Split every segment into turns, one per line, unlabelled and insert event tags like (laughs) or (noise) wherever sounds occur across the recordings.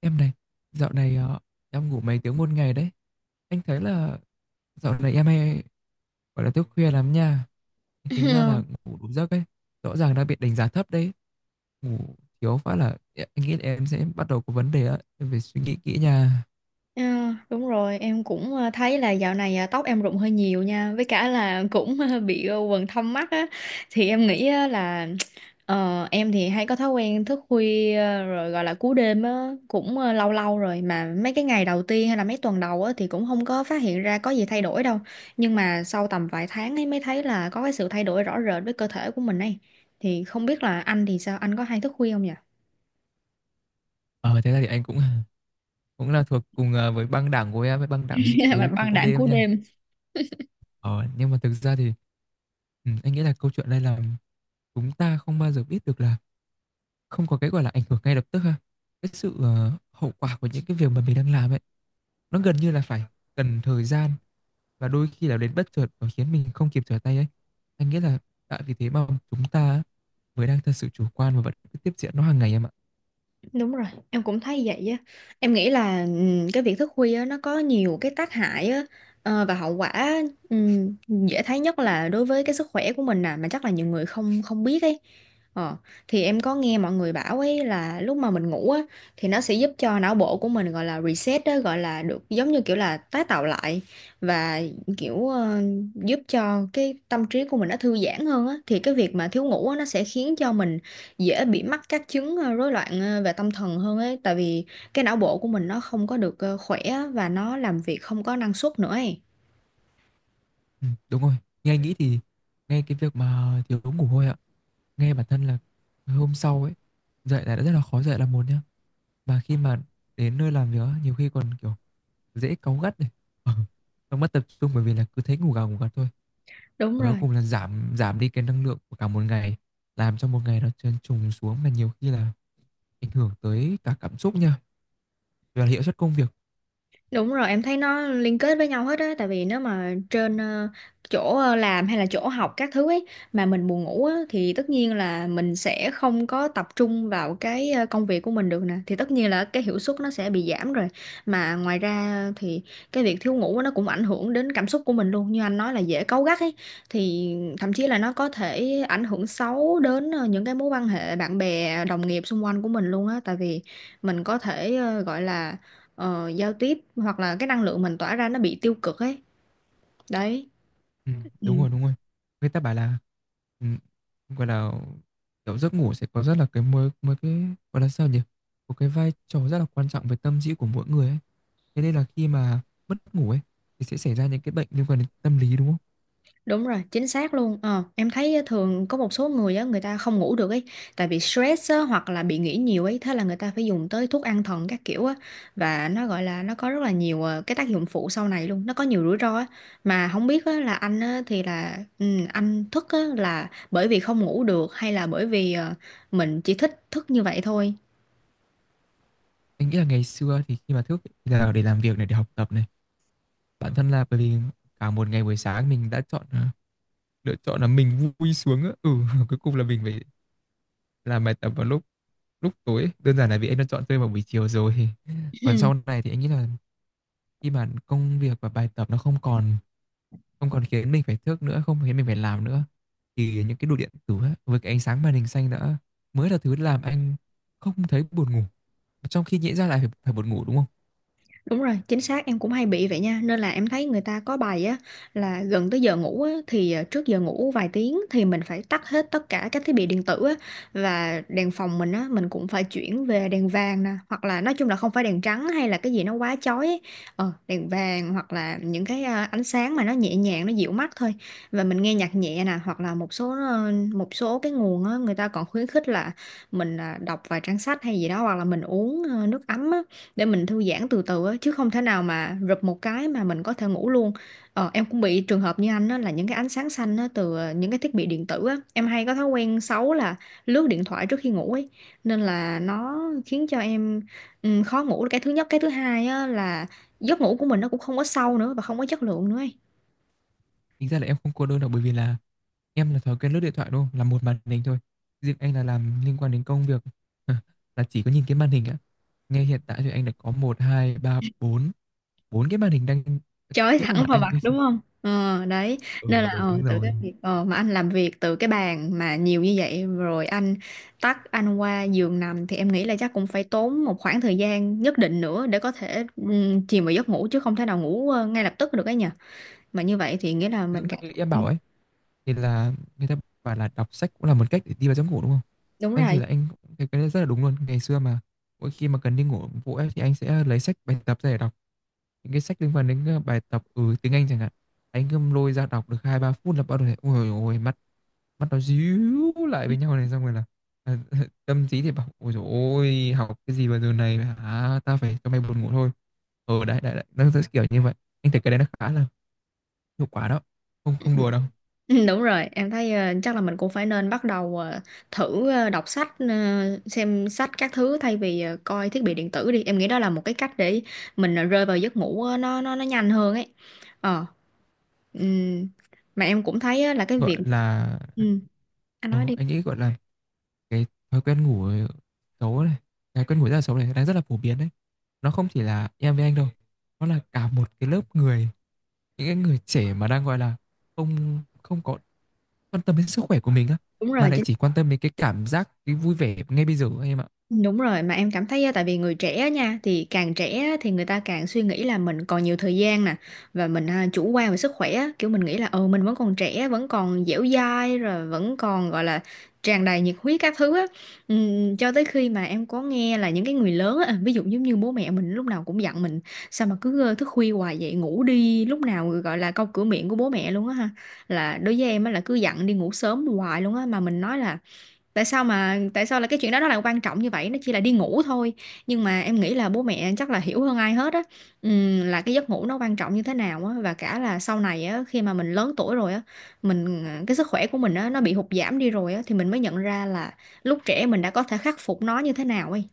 Em này, dạo này em ngủ mấy tiếng một ngày đấy. Anh thấy là dạo này em hay gọi là thức khuya lắm nha. Tính ra
(laughs)
là ngủ đủ giấc ấy. Rõ ràng đã bị đánh giá thấp đấy. Ngủ thiếu phát là anh nghĩ là em sẽ bắt đầu có vấn đề á. Em phải suy nghĩ kỹ nha.
Ờ, đúng rồi, em cũng thấy là dạo này tóc em rụng hơi nhiều nha, với cả là (laughs) cũng bị quầng thâm mắt á, thì em nghĩ á là em thì hay có thói quen thức khuya, rồi gọi là cú đêm á, cũng lâu lâu rồi mà mấy cái ngày đầu tiên hay là mấy tuần đầu á thì cũng không có phát hiện ra có gì thay đổi đâu, nhưng mà sau tầm vài tháng ấy mới thấy là có cái sự thay đổi rõ rệt với cơ thể của mình ấy. Thì không biết là anh thì sao, anh có hay thức khuya không nhỉ?
Ờ thế là thì anh cũng (laughs) cũng là thuộc cùng với băng đảng của em, với băng đảng
(laughs) Mà
cú
băng
cú
đảng
đêm
cú
nha.
đêm.
Ờ, nhưng mà thực ra thì anh nghĩ là câu chuyện đây là chúng ta không bao giờ biết được là không có cái, gọi là, ảnh hưởng ngay lập tức ha. Cái sự, hậu quả của những cái việc mà mình đang làm ấy, nó gần như là phải cần thời gian, và đôi khi là đến bất chợt và khiến mình không kịp trở tay ấy. Anh nghĩ là tại vì thế mà chúng ta mới đang thật sự chủ quan và vẫn cứ tiếp diễn nó hàng ngày em ạ.
Đúng rồi, em cũng thấy vậy á. Em nghĩ là cái việc thức khuya á, nó có nhiều cái tác hại á, và hậu quả ừm, dễ thấy nhất là đối với cái sức khỏe của mình nè, mà chắc là nhiều người không không biết ấy. Ờ, thì em có nghe mọi người bảo ấy là lúc mà mình ngủ á thì nó sẽ giúp cho não bộ của mình, gọi là reset á, gọi là được giống như kiểu là tái tạo lại, và kiểu giúp cho cái tâm trí của mình nó thư giãn hơn á. Thì cái việc mà thiếu ngủ á, nó sẽ khiến cho mình dễ bị mắc các chứng rối loạn, về tâm thần hơn ấy, tại vì cái não bộ của mình nó không có được khỏe á, và nó làm việc không có năng suất nữa ấy.
Đúng rồi, nghe anh nghĩ thì nghe cái việc mà thiếu ngủ thôi ạ, nghe bản thân là hôm sau ấy, dậy là đã rất là khó dậy là một nhá, mà khi mà đến nơi làm việc á, nhiều khi còn, kiểu, dễ cáu gắt này, (laughs) ờ, xong mất tập trung bởi vì là cứ thấy ngủ gà ngủ gật thôi.
Đúng
Và cuối
rồi.
cùng là giảm giảm đi cái năng lượng của cả một ngày, làm cho một ngày nó trơn trùng xuống mà nhiều khi là ảnh hưởng tới cả cảm xúc nha, và hiệu suất công việc.
Đúng rồi, em thấy nó liên kết với nhau hết á, tại vì nếu mà trên chỗ làm hay là chỗ học các thứ ấy mà mình buồn ngủ á thì tất nhiên là mình sẽ không có tập trung vào cái công việc của mình được nè, thì tất nhiên là cái hiệu suất nó sẽ bị giảm rồi. Mà ngoài ra thì cái việc thiếu ngủ nó cũng ảnh hưởng đến cảm xúc của mình luôn, như anh nói là dễ cáu gắt ấy, thì thậm chí là nó có thể ảnh hưởng xấu đến những cái mối quan hệ bạn bè, đồng nghiệp xung quanh của mình luôn á, tại vì mình có thể gọi là giao tiếp hoặc là cái năng lượng mình tỏa ra nó bị tiêu cực ấy đấy.
Ừm,
Ừ,
đúng rồi, đúng rồi. Người ta bảo là, ừm, gọi là, kiểu, giấc ngủ sẽ có rất là cái mối mối cái, gọi là, sao nhỉ, một cái vai trò rất là quan trọng về tâm trí của mỗi người ấy. Thế nên là khi mà mất ngủ ấy, thì sẽ xảy ra những cái bệnh liên quan đến tâm lý, đúng không?
đúng rồi, chính xác luôn. Ờ, em thấy á, thường có một số người á, người ta không ngủ được ấy tại vì stress á, hoặc là bị nghĩ nhiều ấy, thế là người ta phải dùng tới thuốc an thần các kiểu á, và nó gọi là nó có rất là nhiều cái tác dụng phụ sau này luôn, nó có nhiều rủi ro á. Mà không biết á, là anh á, thì là anh thức á là bởi vì không ngủ được, hay là bởi vì mình chỉ thích thức như vậy thôi?
Anh nghĩ là ngày xưa thì khi mà thức thì là để làm việc này, để học tập này, bản thân là bởi vì cả một ngày buổi sáng mình đã chọn, lựa chọn là mình vui xuống á. Ừ, (laughs) cuối cùng là mình phải làm bài tập vào lúc lúc tối. Đơn giản là vì anh đã chọn chơi vào buổi chiều rồi. (laughs) Còn sau
(laughs)
này thì anh nghĩ là khi mà công việc và bài tập nó không còn khiến mình phải thức nữa, không khiến mình phải làm nữa, thì những cái đồ điện tử á, với cái ánh sáng màn hình xanh đã mới là thứ làm anh không thấy buồn ngủ. Trong khi nhẽ ra lại phải buồn ngủ đúng không?
Đúng rồi, chính xác em cũng hay bị vậy nha. Nên là em thấy người ta có bài á, là gần tới giờ ngủ á thì trước giờ ngủ vài tiếng thì mình phải tắt hết tất cả các thiết bị điện tử á, và đèn phòng mình á mình cũng phải chuyển về đèn vàng nè, hoặc là nói chung là không phải đèn trắng hay là cái gì nó quá chói ấy. Ờ, đèn vàng hoặc là những cái ánh sáng mà nó nhẹ nhàng, nó dịu mắt thôi. Và mình nghe nhạc nhẹ nè, hoặc là một số cái nguồn á, người ta còn khuyến khích là mình đọc vài trang sách hay gì đó, hoặc là mình uống nước ấm á để mình thư giãn từ từ á, chứ không thể nào mà rụp một cái mà mình có thể ngủ luôn. Em cũng bị trường hợp như anh á, là những cái ánh sáng xanh á từ những cái thiết bị điện tử á, em hay có thói quen xấu là lướt điện thoại trước khi ngủ ấy, nên là nó khiến cho em khó ngủ là cái thứ nhất, cái thứ hai á là giấc ngủ của mình nó cũng không có sâu nữa và không có chất lượng nữa ấy.
Tính ra là em không cô đơn đâu bởi vì là em là thói quen lướt điện thoại đúng không? Là một màn hình thôi. Riêng anh là làm liên quan đến công việc (laughs) là chỉ có nhìn cái màn hình á. Ngay hiện tại thì anh đã có một 2 3 4 4 cái màn hình đang
Chói
chiếu vào
thẳng
mặt
vào
anh.
mặt
(laughs)
đúng không? Ờ Đấy. Nên
Ừ,
là
đúng
từ
rồi.
cái việc mà anh làm việc từ cái bàn mà nhiều như vậy rồi, anh tắt, anh qua giường nằm, thì em nghĩ là chắc cũng phải tốn một khoảng thời gian nhất định nữa để có thể chìm vào giấc ngủ, chứ không thể nào ngủ ngay lập tức được ấy nhỉ. Mà như vậy thì nghĩa là
Giống
mình cảm.
như em bảo ấy, thì là người ta bảo là đọc sách cũng là một cách để đi vào giấc ngủ đúng không.
Đúng
Anh thì
rồi.
là anh cũng thấy cái đấy rất là đúng luôn. Ngày xưa mà mỗi khi mà cần đi ngủ vội ấy, thì anh sẽ lấy sách bài tập ra để đọc, những cái sách liên quan đến bài tập tiếng Anh chẳng hạn. Anh cứ lôi ra đọc được hai ba phút là bắt đầu thấy ôi ôi mắt mắt nó díu lại với nhau này, xong rồi là à, (laughs) tâm trí thì bảo ôi dồi ôi học cái gì vào giờ này hả, ta phải cho mày buồn ngủ thôi, ở đấy đấy đấy nó sẽ kiểu như vậy. Anh thấy cái đấy nó khá là hiệu quả đó, không
Ừ.
không đùa đâu.
Ừ, đúng rồi, em thấy chắc là mình cũng phải nên bắt đầu thử đọc sách, xem sách các thứ, thay vì coi thiết bị điện tử đi. Em nghĩ đó là một cái cách để mình rơi vào giấc ngủ, nó nhanh hơn ấy. Ờ, ừm, mà em cũng thấy á là cái việc.
gọi là
Ừ, anh
ờ,
nói đi.
anh nghĩ gọi là cái thói quen ngủ xấu này cái quen ngủ rất là xấu này đang rất là phổ biến đấy, nó không chỉ là em với anh đâu, nó là cả một cái lớp người, những cái người trẻ mà đang gọi là không không có quan tâm đến sức khỏe của mình á,
Đúng
mà
rồi,
lại
chính
chỉ quan tâm đến cái cảm giác, cái vui vẻ ngay bây giờ anh em ạ.
Đúng rồi, mà em cảm thấy á, tại vì người trẻ á nha, thì càng trẻ á thì người ta càng suy nghĩ là mình còn nhiều thời gian nè, và mình chủ quan về sức khỏe á, kiểu mình nghĩ là ừ mình vẫn còn trẻ, vẫn còn dẻo dai rồi, vẫn còn gọi là tràn đầy nhiệt huyết các thứ á. Cho tới khi mà em có nghe là những cái người lớn á, ví dụ giống như bố mẹ mình lúc nào cũng dặn mình sao mà cứ thức khuya hoài vậy, ngủ đi, lúc nào gọi là câu cửa miệng của bố mẹ luôn á ha. Là đối với em á là cứ dặn đi ngủ sớm hoài luôn á, mà mình nói là tại sao là cái chuyện đó nó lại quan trọng như vậy, nó chỉ là đi ngủ thôi. Nhưng mà em nghĩ là bố mẹ chắc là hiểu hơn ai hết á, là cái giấc ngủ nó quan trọng như thế nào á, và cả là sau này á, khi mà mình lớn tuổi rồi á, cái sức khỏe của mình á nó bị hụt giảm đi rồi á, thì mình mới nhận ra là lúc trẻ mình đã có thể khắc phục nó như thế nào ấy.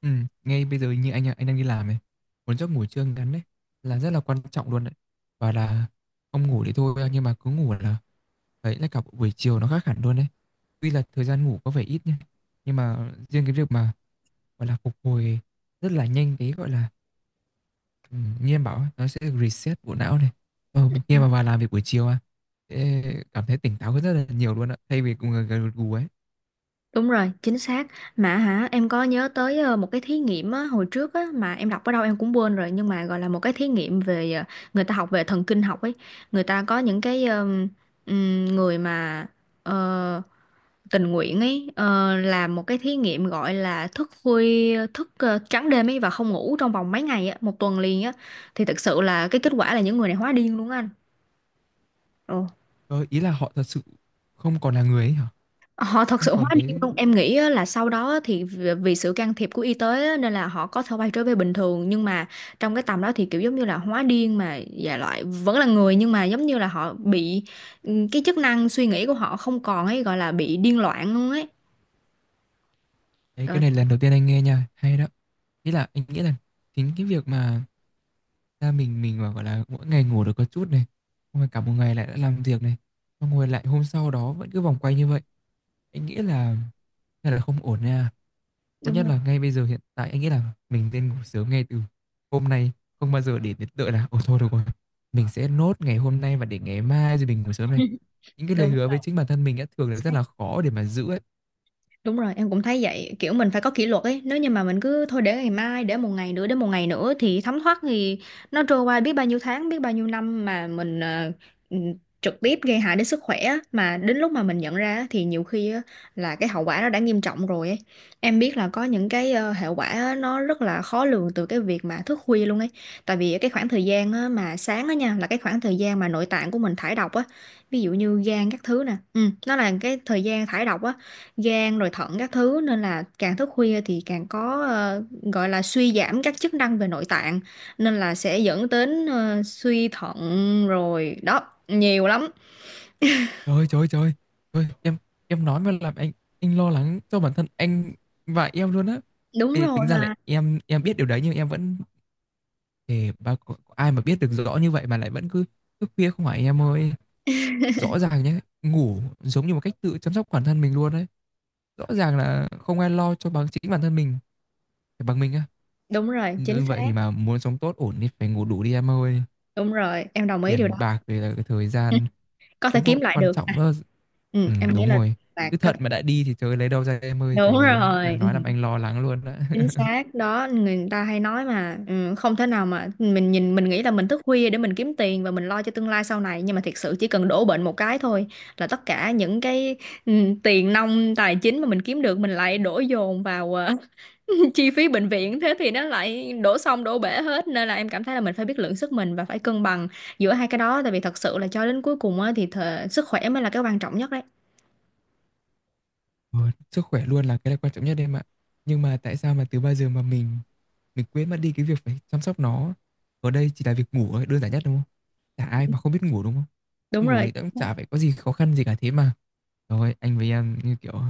Ừ, ngay bây giờ như anh đang đi làm này, một giấc ngủ trưa ngắn đấy là rất là quan trọng luôn đấy, và là không ngủ thì thôi, nhưng mà cứ ngủ là đấy là cả buổi chiều nó khác hẳn luôn đấy. Tuy là thời gian ngủ có vẻ ít nha, nhưng mà riêng cái việc mà gọi là phục hồi rất là nhanh, cái gọi là, ừ, như em bảo ấy, nó sẽ reset bộ não này, khi mà vào làm việc buổi chiều à sẽ cảm thấy tỉnh táo hơn rất là nhiều luôn ạ, thay vì cùng gật gù ấy.
Đúng rồi, chính xác. Mà hả, em có nhớ tới một cái thí nghiệm á, hồi trước á, mà em đọc ở đâu em cũng quên rồi, nhưng mà gọi là một cái thí nghiệm về người ta học về thần kinh học ấy. Người ta có những cái người mà ờ, tình nguyện ấy, làm một cái thí nghiệm, gọi là thức khuya, thức trắng đêm ấy, và không ngủ trong vòng mấy ngày á, một tuần liền á. Thì thực sự là cái kết quả là những người này hóa điên luôn á anh.
Ờ, ý là họ thật sự không còn là người ấy hả?
Họ thật
Không
sự hóa
còn
điên
cái
luôn. Em nghĩ á là sau đó thì vì vì sự can thiệp của y tế á, nên là họ có thể quay trở về bình thường, nhưng mà trong cái tầm đó thì kiểu giống như là hóa điên, mà dạ loại vẫn là người, nhưng mà giống như là họ bị cái chức năng suy nghĩ của họ không còn ấy, gọi là bị điên loạn luôn ấy.
đấy, cái
Rồi,
này lần đầu tiên anh nghe nha, hay đó. Ý là anh nghĩ là chính cái việc mà ra mình mà gọi là mỗi ngày ngủ được có chút này, xong rồi cả một ngày lại đã làm việc này, xong rồi lại hôm sau đó vẫn cứ vòng quay như vậy. Anh nghĩ là hay là không ổn nha. Tốt
đúng
nhất
rồi.
là ngay bây giờ hiện tại anh nghĩ là mình nên ngủ sớm ngay từ hôm nay, không bao giờ để đến đợi là ồ thôi được rồi. Mình sẽ nốt ngày hôm nay và để ngày mai rồi mình ngủ sớm này.
(laughs)
Những cái lời
Đúng
hứa với chính bản thân mình đã thường là rất
rồi.
là khó để mà giữ ấy.
Đúng rồi, em cũng thấy vậy, kiểu mình phải có kỷ luật ấy, nếu như mà mình cứ thôi để ngày mai, để một ngày nữa, để một ngày nữa, thì thấm thoát thì nó trôi qua biết bao nhiêu tháng, biết bao nhiêu năm mà mình ừ, trực tiếp gây hại đến sức khỏe á. Mà đến lúc mà mình nhận ra á, thì nhiều khi á là cái hậu quả nó đã nghiêm trọng rồi ấy. Em biết là có những cái hệ quả á, nó rất là khó lường từ cái việc mà thức khuya luôn ấy. Tại vì cái khoảng thời gian á, mà sáng á nha, là cái khoảng thời gian mà nội tạng của mình thải độc á, ví dụ như gan các thứ nè. Ừ, nó là cái thời gian thải độc á, gan rồi thận các thứ, nên là càng thức khuya thì càng có gọi là suy giảm các chức năng về nội tạng, nên là sẽ dẫn đến suy thận, rồi đó, nhiều lắm.
Trời ơi, trời trời Trời em nói mà làm anh lo lắng cho bản thân anh và em luôn á.
Đúng
Thì
rồi
tính ra là
mà.
em biết điều đấy nhưng em vẫn thì ba có ai mà biết được rõ như vậy mà lại vẫn cứ thức khuya không, phải em ơi. Rõ ràng nhé, ngủ giống như một cách tự chăm sóc bản thân mình luôn đấy. Rõ ràng là không ai lo cho bằng chính bản thân mình, phải bằng mình á.
Đúng rồi, chính
Như vậy
xác.
thì mà muốn sống tốt ổn thì phải ngủ đủ đi em ơi.
Đúng rồi, em đồng ý điều
Tiền
đó.
bạc về là cái thời gian
(laughs) Có thể
cũng có
kiếm lại
quan
được
trọng
à.
nữa.
Ừ,
Ừ,
em nghĩ
đúng
là
rồi.
bạn
Cứ
có
thận
thể.
mà đã đi thì trời ơi, lấy đâu ra em ơi, trời
Đúng
ơi,
rồi.
em
Ừ.
nói làm anh lo lắng luôn đó.
Chính
(laughs)
xác đó, người ta hay nói mà, ừ, không thể nào mà mình nghĩ là mình thức khuya để mình kiếm tiền và mình lo cho tương lai sau này, nhưng mà thiệt sự chỉ cần đổ bệnh một cái thôi là tất cả những cái ừ, tiền nong tài chính mà mình kiếm được mình lại đổ dồn vào (laughs) chi phí bệnh viện, thế thì nó lại đổ xong đổ bể hết, nên là em cảm thấy là mình phải biết lượng sức mình và phải cân bằng giữa hai cái đó, tại vì thật sự là cho đến cuối cùng á, thì sức khỏe mới là cái quan trọng nhất đấy.
Ừ, sức khỏe luôn là cái là quan trọng nhất em ạ. Nhưng mà tại sao mà từ bao giờ mà mình quên mất đi cái việc phải chăm sóc nó. Ở đây chỉ là việc ngủ thôi, đơn giản nhất đúng không? Chả ai mà không biết ngủ đúng không?
Đúng
Ngủ
rồi.
thì cũng chả phải có gì khó khăn gì cả thế mà. Rồi, anh với em như kiểu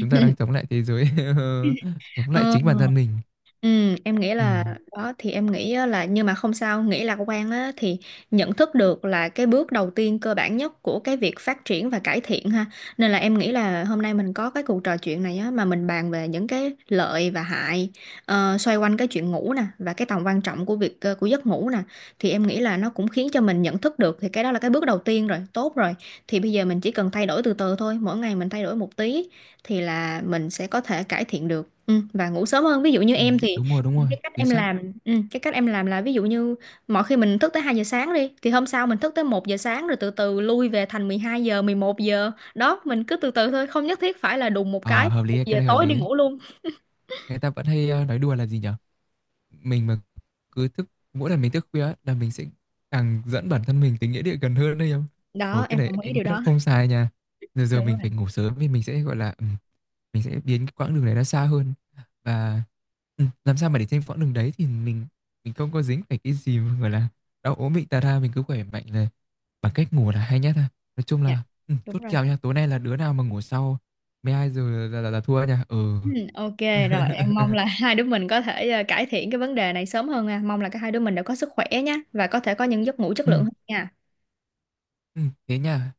chúng ta đang chống lại thế giới, (laughs) chống lại
Ừ.
chính bản thân mình.
Ừ, em nghĩ
Ừ.
là đó, thì em nghĩ á là nhưng mà không sao, nghĩ lạc quan á thì nhận thức được là cái bước đầu tiên cơ bản nhất của cái việc phát triển và cải thiện ha. Nên là em nghĩ là hôm nay mình có cái cuộc trò chuyện này á, mà mình bàn về những cái lợi và hại xoay quanh cái chuyện ngủ nè, và cái tầm quan trọng của việc của giấc ngủ nè, thì em nghĩ là nó cũng khiến cho mình nhận thức được, thì cái đó là cái bước đầu tiên rồi, tốt rồi. Thì bây giờ mình chỉ cần thay đổi từ từ thôi, mỗi ngày mình thay đổi một tí thì là mình sẽ có thể cải thiện được, và ngủ sớm hơn. Ví dụ như
Ừ,
em thì
đúng rồi, chính xác.
cái cách em làm là ví dụ như mỗi khi mình thức tới 2 giờ sáng đi thì hôm sau mình thức tới 1 giờ sáng, rồi từ từ lui về thành 12 giờ, 11 giờ đó, mình cứ từ từ thôi, không nhất thiết phải là đùng một
Ờ,
cái
hợp lý, ấy,
1
cái
giờ
này hợp
tối đi
lý ấy.
ngủ luôn.
Người ta vẫn hay nói đùa là gì nhỉ? Mình mà cứ thức mỗi lần mình thức khuya á, là mình sẽ càng dẫn bản thân mình tới nghĩa địa gần hơn đấy em. Ồ,
Đó
cái
em
này
đồng ý
anh
điều
rất
đó.
không sai nha. Giờ giờ
Đúng rồi.
mình phải ngủ sớm thì mình sẽ, gọi là, mình sẽ biến cái quãng đường này nó xa hơn. Và, làm sao mà để trên quãng đường đấy thì mình không có dính phải cái gì mà, gọi là, đau ốm bệnh tà ra, mình cứ khỏe mạnh là bằng cách ngủ là hay nhất ha. Nói chung
Dạ,
là,
đúng
chốt
rồi.
kèo nha, tối nay là đứa nào mà ngủ sau 12:00 là thua nha. Ừ.
Ừ, ok. Rồi em mong là (laughs)
(laughs)
hai đứa mình có thể cải thiện cái vấn đề này sớm hơn nha. Mong là cả hai đứa mình đều có sức khỏe nhé, và có thể có những giấc ngủ chất lượng
Ừm,
hơn nha.
thế nha.